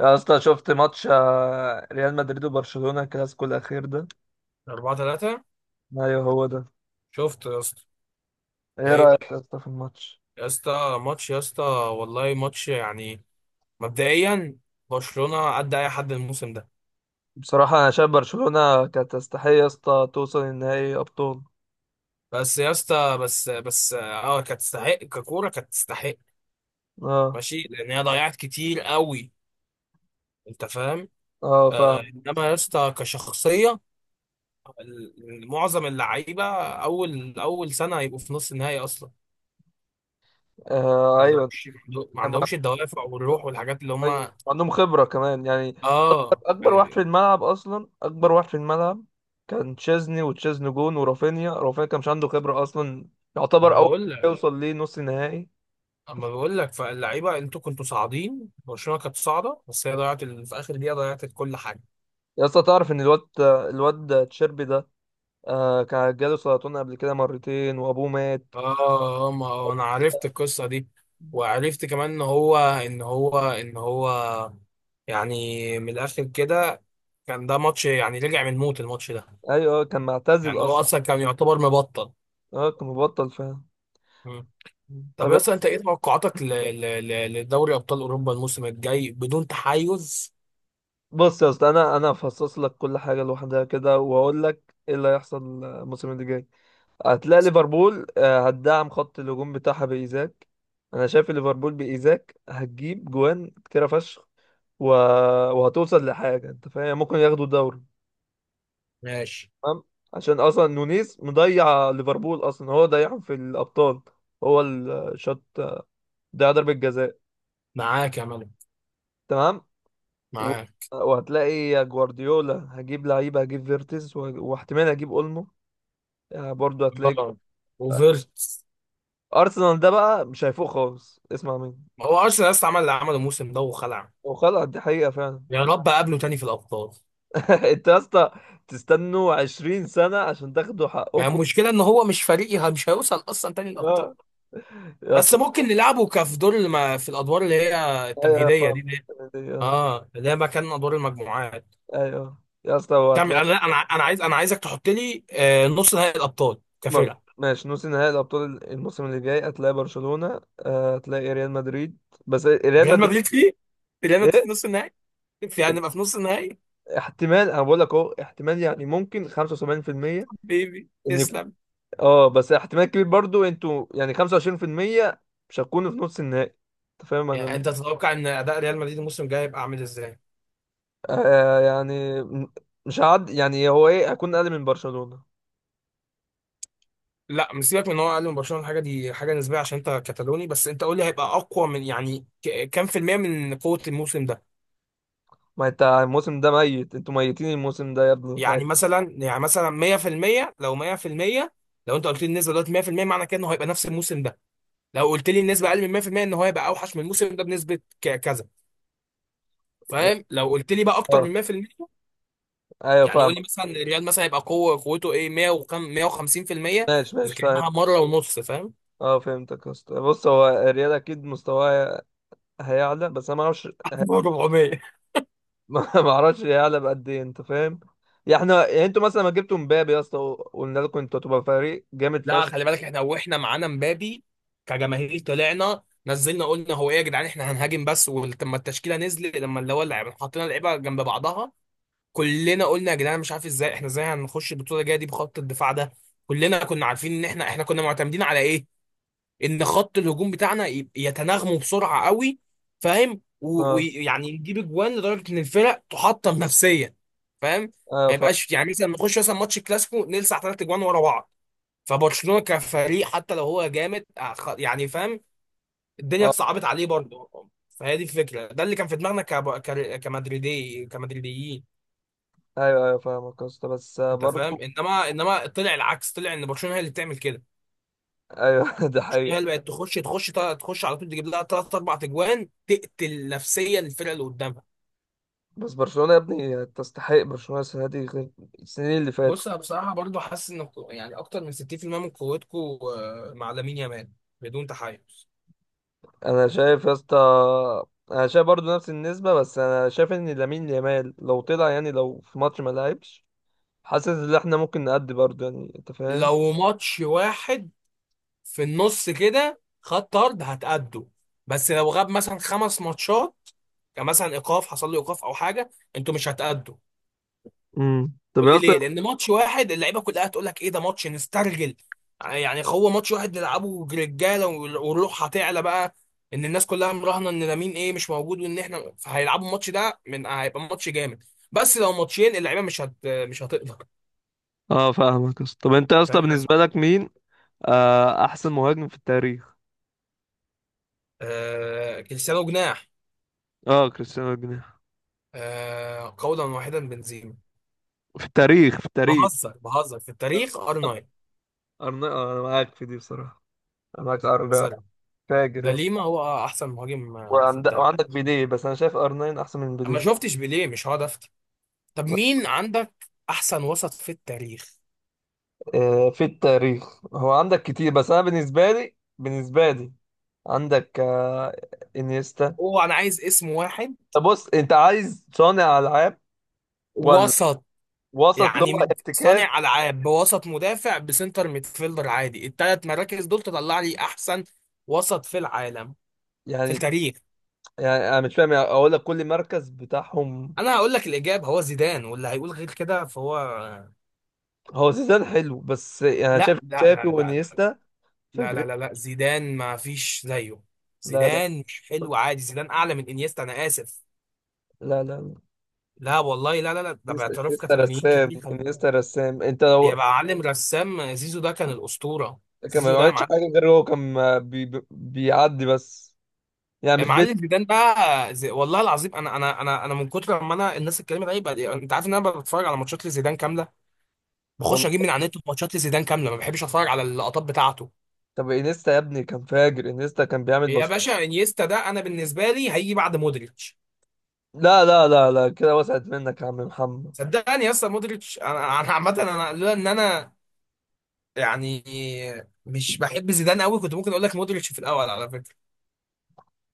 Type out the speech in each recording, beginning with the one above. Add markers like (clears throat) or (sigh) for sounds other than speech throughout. يا اسطى، شفت ماتش ريال مدريد وبرشلونة الكلاسيكو الأخير ده؟ أربعة تلاتة. أيوه هو ده. شفت يا اسطى؟ ده إيه إيه رأيك يا اسطى في الماتش؟ يا اسطى؟ ماتش يا اسطى. والله ماتش يعني. مبدئيا، برشلونة قد أي حد الموسم ده. بصراحة أنا شايف برشلونة كانت تستحق يا اسطى توصل النهائي أبطال. بس يا اسطى، بس بس اه كانت تستحق، ككورة كانت تستحق. أه. ماشي، لأن هي ضيعت كتير قوي. أنت فاهم؟ أه فاهم. إنما يا اسطى كشخصية، معظم اللعيبة أول سنة هيبقوا في نص النهائي أصلا. ما آه أيوه. عندهمش ما أنا مع- عندهمش الدوافع والروح والحاجات اللي أيوه هما، عندهم خبرة كمان يعني. اه أكبر واحد في يعني. الملعب أصلا، أكبر واحد في الملعب كان تشيزني، وتشيزني جون ورافينيا. رافينيا كان مش عنده خبرة أصلا، ما يعتبر انا أول بقول، يوصل ليه نص نهائي. اما بقول لك، فاللعيبه انتوا كنتوا صاعدين، برشلونه كانت صاعده، بس هي ضيعت في اخر دقيقه ضيعت كل حاجه. يا اسطى، تعرف إن الواد الواد تشيربي ده، آه كان جاله سرطان قبل كده مرتين وابوه مات. اه ما هو انا عرفت القصه دي، وعرفت كمان ان هو يعني من الاخر كده كان ده ماتش يعني رجع من الموت الماتش ده. ايوه، كان معتزل يعني هو اصلا. اصلا كان يعتبر مبطل. اه كان مبطل فعلا. مم. طب طب اصلا انت ايه توقعاتك لدوري ابطال اوروبا الموسم الجاي بدون تحيز؟ بص يا اسطى، انا هفصص لك كل حاجه لوحدها كده واقول لك ايه اللي هيحصل الموسم اللي جاي. هتلاقي ليفربول هتدعم خط الهجوم بتاعها بايزاك. انا شايف ليفربول بايزاك هتجيب جوان كتيره فشخ. و... وهتوصل لحاجه، انت فاهم، يعني ممكن ياخدوا الدوري. ماشي. تمام. عشان اصلا نونيز مضيع ليفربول، اصلا هو ضيعهم في الابطال، هو اللي شاط، ده ضربة جزاء. معاك يا ملك. تمام. و... معاك. وهتلاقي يا جوارديولا هجيب لعيبة، هجيب فيرتز واحتمال هجيب اولمو. يعني برضه هتلاقي. آه. (laughs) وفيرتس. ارسنال ده بقى مش هيفوق خالص، اسمع مني. ما هو ارسنال لسه عمل اللي عمله الموسم ده وخلع. وخلاص دي حقيقة فعلا. يا رب اقابله تاني في الابطال. (laughs) انت يا اسطى تستنوا 20 سنة عشان تاخدوا يعني حقكم. المشكله ان هو مش فريقي، مش هيوصل اصلا تاني الابطال. اه يا بس اسطى. ممكن نلعبه كف دور في الادوار اللي هي ايوه التمهيديه فعلا. دي، اللي ايوه اه اللي هي مكان ادوار المجموعات. ايوه يا اسطى تعمل، انا وهتلاقي. انا انا عايز انا عايزك تحط لي، نص نهائي الابطال م- كفرقه. ماشي، نص نهائي الابطال الموسم اللي جاي هتلاقي برشلونة، هتلاقي ريال مدريد، بس ريال ريال مدريد. مدريد فيه ريال مدريد في ايه؟ نص النهائي. هنبقى في نص النهائي. احتمال. انا بقول لك اهو احتمال، يعني ممكن 75%، بيبي ان يكون. تسلم. اه بس احتمال كبير برضو، انتوا يعني 25% مش هتكونوا في نص النهائي. انت فاهم انا. يعني انت تتوقع ان اداء ريال مدريد الموسم الجاي هيبقى عامل ازاي؟ آه يعني مش هعد. يعني هو ايه، هكون اقل من برشلونة؟ لا مش، سيبك من ان هو اقل من برشلونه، الحاجه دي حاجه نسبيه عشان انت كتالوني، بس انت قول لي هيبقى اقوى من يعني كام في الميه من قوه الموسم ده. ما انت الموسم ده ميت، انتوا ميتين الموسم ده يا ابني يعني مثلا 100% لو 100%، لو انت قلت لي النسبه دلوقتي 100% معنى كده انه هيبقى نفس الموسم ده. لو قلت لي النسبه اقل من 100% ان هو هيبقى اوحش من الموسم ده بنسبه كذا. يعني- فاهم؟ لو قلت لي بقى اكتر من اه 100%، ايوه يعني قول لي فاهمك. مثلا الريال مثلا هيبقى قوته ايه، 100 وكام، 150%؟ ماشي اذا ماشي فاهم. كانها مره ونص، فاهم؟ اه فهمتك يا اسطى. بص، هو الريال اكيد مستواه هيعلى، بس انا ما اعرفش. (laughs) 400. (laughs) ما اعرفش يعلى بقد ايه، انت فاهم. يعني احنا يعني انتوا مثلا ما جبتوا مبابي يا اسطى، وقلنا لكم انتوا هتبقى فريق جامد لا فشخ. خلي بالك، احنا معانا مبابي كجماهير، طلعنا نزلنا قلنا هو ايه يا جدعان احنا هنهاجم بس، ولما التشكيله نزلت، لما اللي هو اللعيبه، حطينا اللعيبه جنب بعضها، كلنا قلنا يا جدعان مش عارف ازاي، احنا ازاي هنخش البطوله الجايه دي بخط الدفاع ده. كلنا كنا عارفين ان احنا كنا معتمدين على ايه، ان خط الهجوم بتاعنا يتناغموا بسرعه قوي، فاهم؟ اه ويعني يجيب اجوان لدرجه ان الفرق تحطم نفسيا، فاهم؟ ايوه ما فاهم. يبقاش يعني مثلا نخش مثلا ماتش كلاسيكو نلسع ثلاث اجوان ورا بعض. فبرشلونة كفريق حتى لو هو جامد يعني، فاهم، الدنيا اه اتصعبت عليه برضه. فهي دي الفكرة، ده اللي كان في دماغنا كمدريدي، كمدريديين. ايوه ايوه فاهمك يا اسطى بس انت فاهم؟ برضه. انما، طلع العكس، طلع ان برشلونة هي اللي بتعمل كده. ايوه. (laughs) ده برشلونة هي حقيقة. اللي بقت تخش على طول، تجيب لها ثلاث اربع تجوان، تقتل نفسيا الفرقة اللي قدامها. بس برشلونة يا ابني تستحق، برشلونة السنة دي غير السنين اللي فاتت. بص انا بصراحة برضه حاسس ان يعني اكتر من 60% من قوتكم مع لامين يامال، بدون تحيز. انا شايف يا اسطى، انا شايف برضه نفس النسبة، بس انا شايف ان لامين يامال لو طلع، يعني لو في ماتش ما لعبش، حاسس ان احنا ممكن نأدي برضه، يعني انت فاهم. لو ماتش واحد في النص كده خد طرد هتأدوا، بس لو غاب مثلا 5 ماتشات، يعني مثلا حصل له ايقاف او حاجه، انتوا مش هتأدوا. طب قول يا لي اسطى. ليه، لان ماتش واحد اللعيبه كلها هتقول لك ايه ده، ماتش نسترجل، يعني هو ماتش واحد نلعبه رجاله والروح هتعلى بقى، ان الناس كلها مراهنه ان لامين ايه مش موجود، وان احنا، فهيلعبوا الماتش ده من هيبقى ماتش جامد. بس لو ماتشين اللعيبه مش هتقدر. اه فاهمك يا اسطى. طب انت يا أنت اسطى فاهم؟ بالنسبه لك مين احسن مهاجم في التاريخ؟ كريستيانو جناح. اه كريستيانو جناح. قولا واحدا بنزيما. في التاريخ، في التاريخ. بهزر بهزر، في التاريخ ار 9، انا معاك في دي بصراحه. انا معاك أرنا، نظري. فاجر ده يا اسطى. ليما هو احسن مهاجم في التاريخ. وعندك بيليه، بس انا شايف ار9 احسن من اما بيليه. شفتش بيليه، مش هقعد افتي. طب مين عندك احسن وسط في التاريخ؟ آه في التاريخ هو عندك كتير، بس انا بالنسبه لي، بالنسبه لي عندك آه، انيستا. هو انا عايز اسم واحد. طب بص، انت عايز صانع العاب ولا وسط، وسط اللي يعني هو من ارتكاز؟ صانع العاب، بوسط مدافع، بسنتر ميدفيلدر، عادي، الثلاث مراكز دول تطلع لي احسن وسط في العالم، في يعني التاريخ. يعني انا مش فاهم، يعني اقول لك كل مركز بتاعهم. انا هقول لك الاجابه، هو زيدان، واللي هيقول غير كده فهو هو زيدان حلو، بس يعني لا شايف لا لا شافي لا وانيستا، لا فجر. لا لا لا، زيدان ما فيش زيه. لا لا زيدان مش لا حلو عادي، زيدان اعلى من انيستا، انا اسف. لا لا. لا والله، لا لا لا، ده انيستا، باعتراف إنيستا كاتالونيين رسام، كتير، خلي بالك. انيستا رسام. انت لو يبقى معلم رسام، زيزو ده كان الاسطوره. كان ما زيزو ده يا بيعملش معلم. حاجه، غير هو كان بيعدي بس، يعني يا مش بيت. معلم زيدان بقى والله العظيم، انا من كتر ما الناس اتكلمت عليه بقى، انت عارف ان انا بتفرج على ماتشات لزيدان كامله، والله. بخش اجيب من على النت ماتشات لزيدان كامله، ما بحبش اتفرج على اللقطات بتاعته. طب انيستا يا ابني كان فاجر، انيستا كان بيعمل يا بس. باشا، انيستا ده انا بالنسبه لي هيجي بعد مودريتش. لا لا لا لا كده، وسعت منك يا عم محمد. صدقني يا اسطى، مودريتش، انا، عامه انا، لولا ان انا يعني مش بحب زيدان قوي، كنت ممكن اقول لك مودريتش في الاول، على فكره.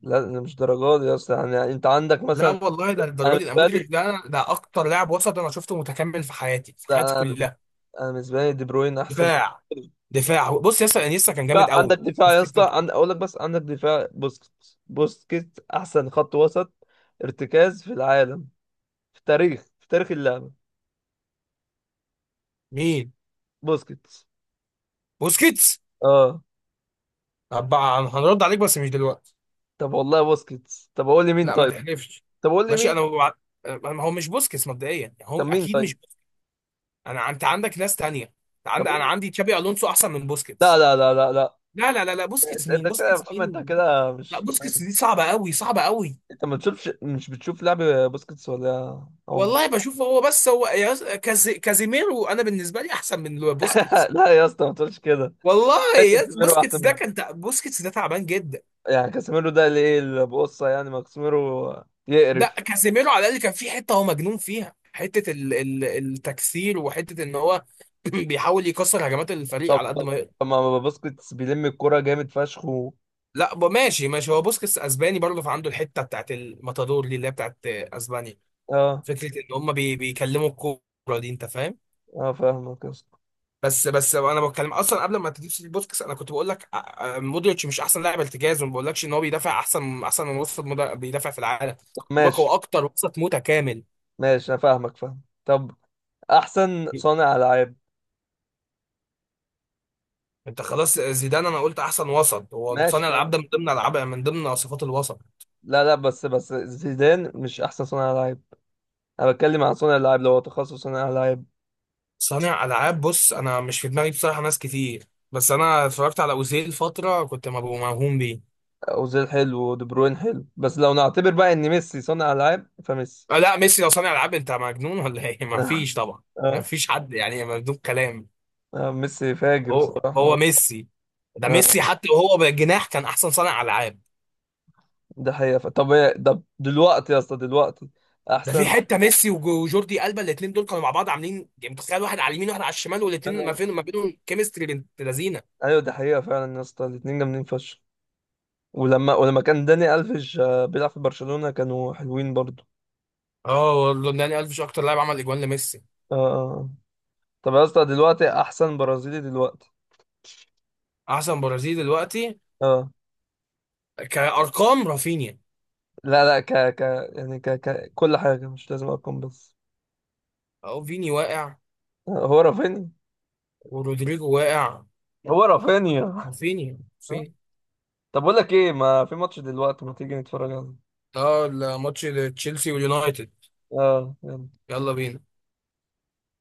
لا، أنا مش درجات دي اصلا، يعني انت عندك لا مثلا. والله، ده انا الدرجه دي، ده بالنسبه مودريتش، لي، ده اكتر لاعب وسط انا شفته متكامل في حياتي، في حياتي لا انا، كلها. أنا بالنسبه لي دي بروين احسن. دفاع، دفاع، بص ياسر انيستا كان بقى جامد عندك قوي، دفاع بس يا اسطى، فكرته. اقول لك، بس عندك دفاع. بوسكيتس، بوسكيتس احسن خط وسط ارتكاز في العالم، في التاريخ، في تاريخ اللعبه. مين؟ بوسكيتس. بوسكيتس. اه. طب بقى هنرد عليك بس مش دلوقتي. طب والله، بوسكيتس. طب اقول لي مين لا ما طيب. تحلفش. طب قول لي ماشي مين. ما هو مش بوسكيتس مبدئيا، يعني هو طب مين اكيد طيب. مش. انت عندك ناس تانية، طب انا قول- عندي تشابي الونسو احسن من لا بوسكيتس. لا لا لا لا. لا لا لا لا، بوسكيتس انت مين؟ كده يا بوسكيتس محمد، انت مين؟ كده لا مش. بوسكيتس دي صعبة قوي، صعبة قوي. انت ما بتشوفش، مش بتشوف لعب بوسكيتس ولا يا عمر. والله بشوف، هو بس هو، كازيميرو انا بالنسبة لي احسن من (laughs) بوسكيتس. لا يا اسطى ما تقولش كده. والله ده كاسيميرو احسن منه. بوسكيتس ده تعبان جدا. يعني كاسيميرو ده اللي ايه اللي بقصه يعني، ما كاسيميرو لا يقرف. كازيميرو على الاقل كان في حتة هو مجنون فيها، حتة ال التكسير، وحتة ان هو (clears throat) بيحاول يكسر هجمات الفريق طب على قد طب ما يقدر. طب ما باسكتس بيلم الكرة جامد فشخ لا ماشي، ماشي، هو بوسكيتس اسباني برضه، فعنده الحتة بتاعت الماتادور دي اللي هي بتاعت اسبانيا، اه. فكرة ان هم بيكلموا الكورة دي، انت فاهم؟ اه فاهمك يا اسطى. بس بس انا بتكلم اصلا قبل ما تجيب سيتي بوسكس، انا كنت بقول لك مودريتش مش احسن لاعب ارتكاز، وما بقولكش ان هو بيدافع احسن من وسط بيدافع في العالم. طب بقول لك ماشي هو اكتر وسط متكامل. ماشي. انا فاهمك فاهم. طب احسن صانع العاب. انت خلاص زيدان، انا قلت احسن وسط، هو ماشي صانع العاب تمام. ده من ضمن صفات الوسط. لا لا، بس بس زيدان مش احسن صانع العاب. انا بتكلم عن صانع العاب، لو هو تخصص صانع العاب. صانع العاب بص انا مش في دماغي بصراحه ناس كتير، بس انا اتفرجت على اوزيل فتره كنت مبقى موهوم بيه. اوزيل حلو، ودي بروين حلو، بس لو نعتبر بقى ان ميسي صانع العاب، فميسي. آه، لا ميسي لو صانع العاب انت مجنون ولا ايه؟ (laughs) ما فيش (laughs) طبعا، ما اه. فيش حد، يعني مجنون كلام. اه ميسي فاجر هو بصراحة. هو ميسي، ده اه ميسي حتى وهو بالجناح كان احسن صانع العاب. ده حقيقة. طب طب دلوقتي يا اسطى، دلوقتي ده في احسن. حته ميسي وجوردي ألبا، الاثنين دول كانوا مع بعض عاملين يعني، متخيل واحد على اليمين واحد على الشمال، والاثنين ما فين ما بينهم كيمستري بنت لذينه. ايوه دي حقيقة فعلا يا اسطى، الاتنين جامدين فشخ. ولما كان داني الفيش بيلعب في برشلونة، كانوا حلوين برضو. اه والله داني ألفيش اكتر لاعب عمل اجوان لميسي. اه آه. طب يا اسطى دلوقتي، احسن برازيلي دلوقتي. احسن برازيلي دلوقتي؟ اه. كارقام رافينيا. لا لا، ك ك يعني ك ك كل حاجة مش لازم ارقام بس. اهو فيني واقع هو رافينيا. ورودريجو واقع، هو رافينيا. رافينيا، (laughs) رافينيا. طب اقول لك ايه، ما في ماتش دلوقتي، ما تيجي نتفرج عليه. اه الماتش، تشيلسي واليونايتد. اه يلا. يلا بينا.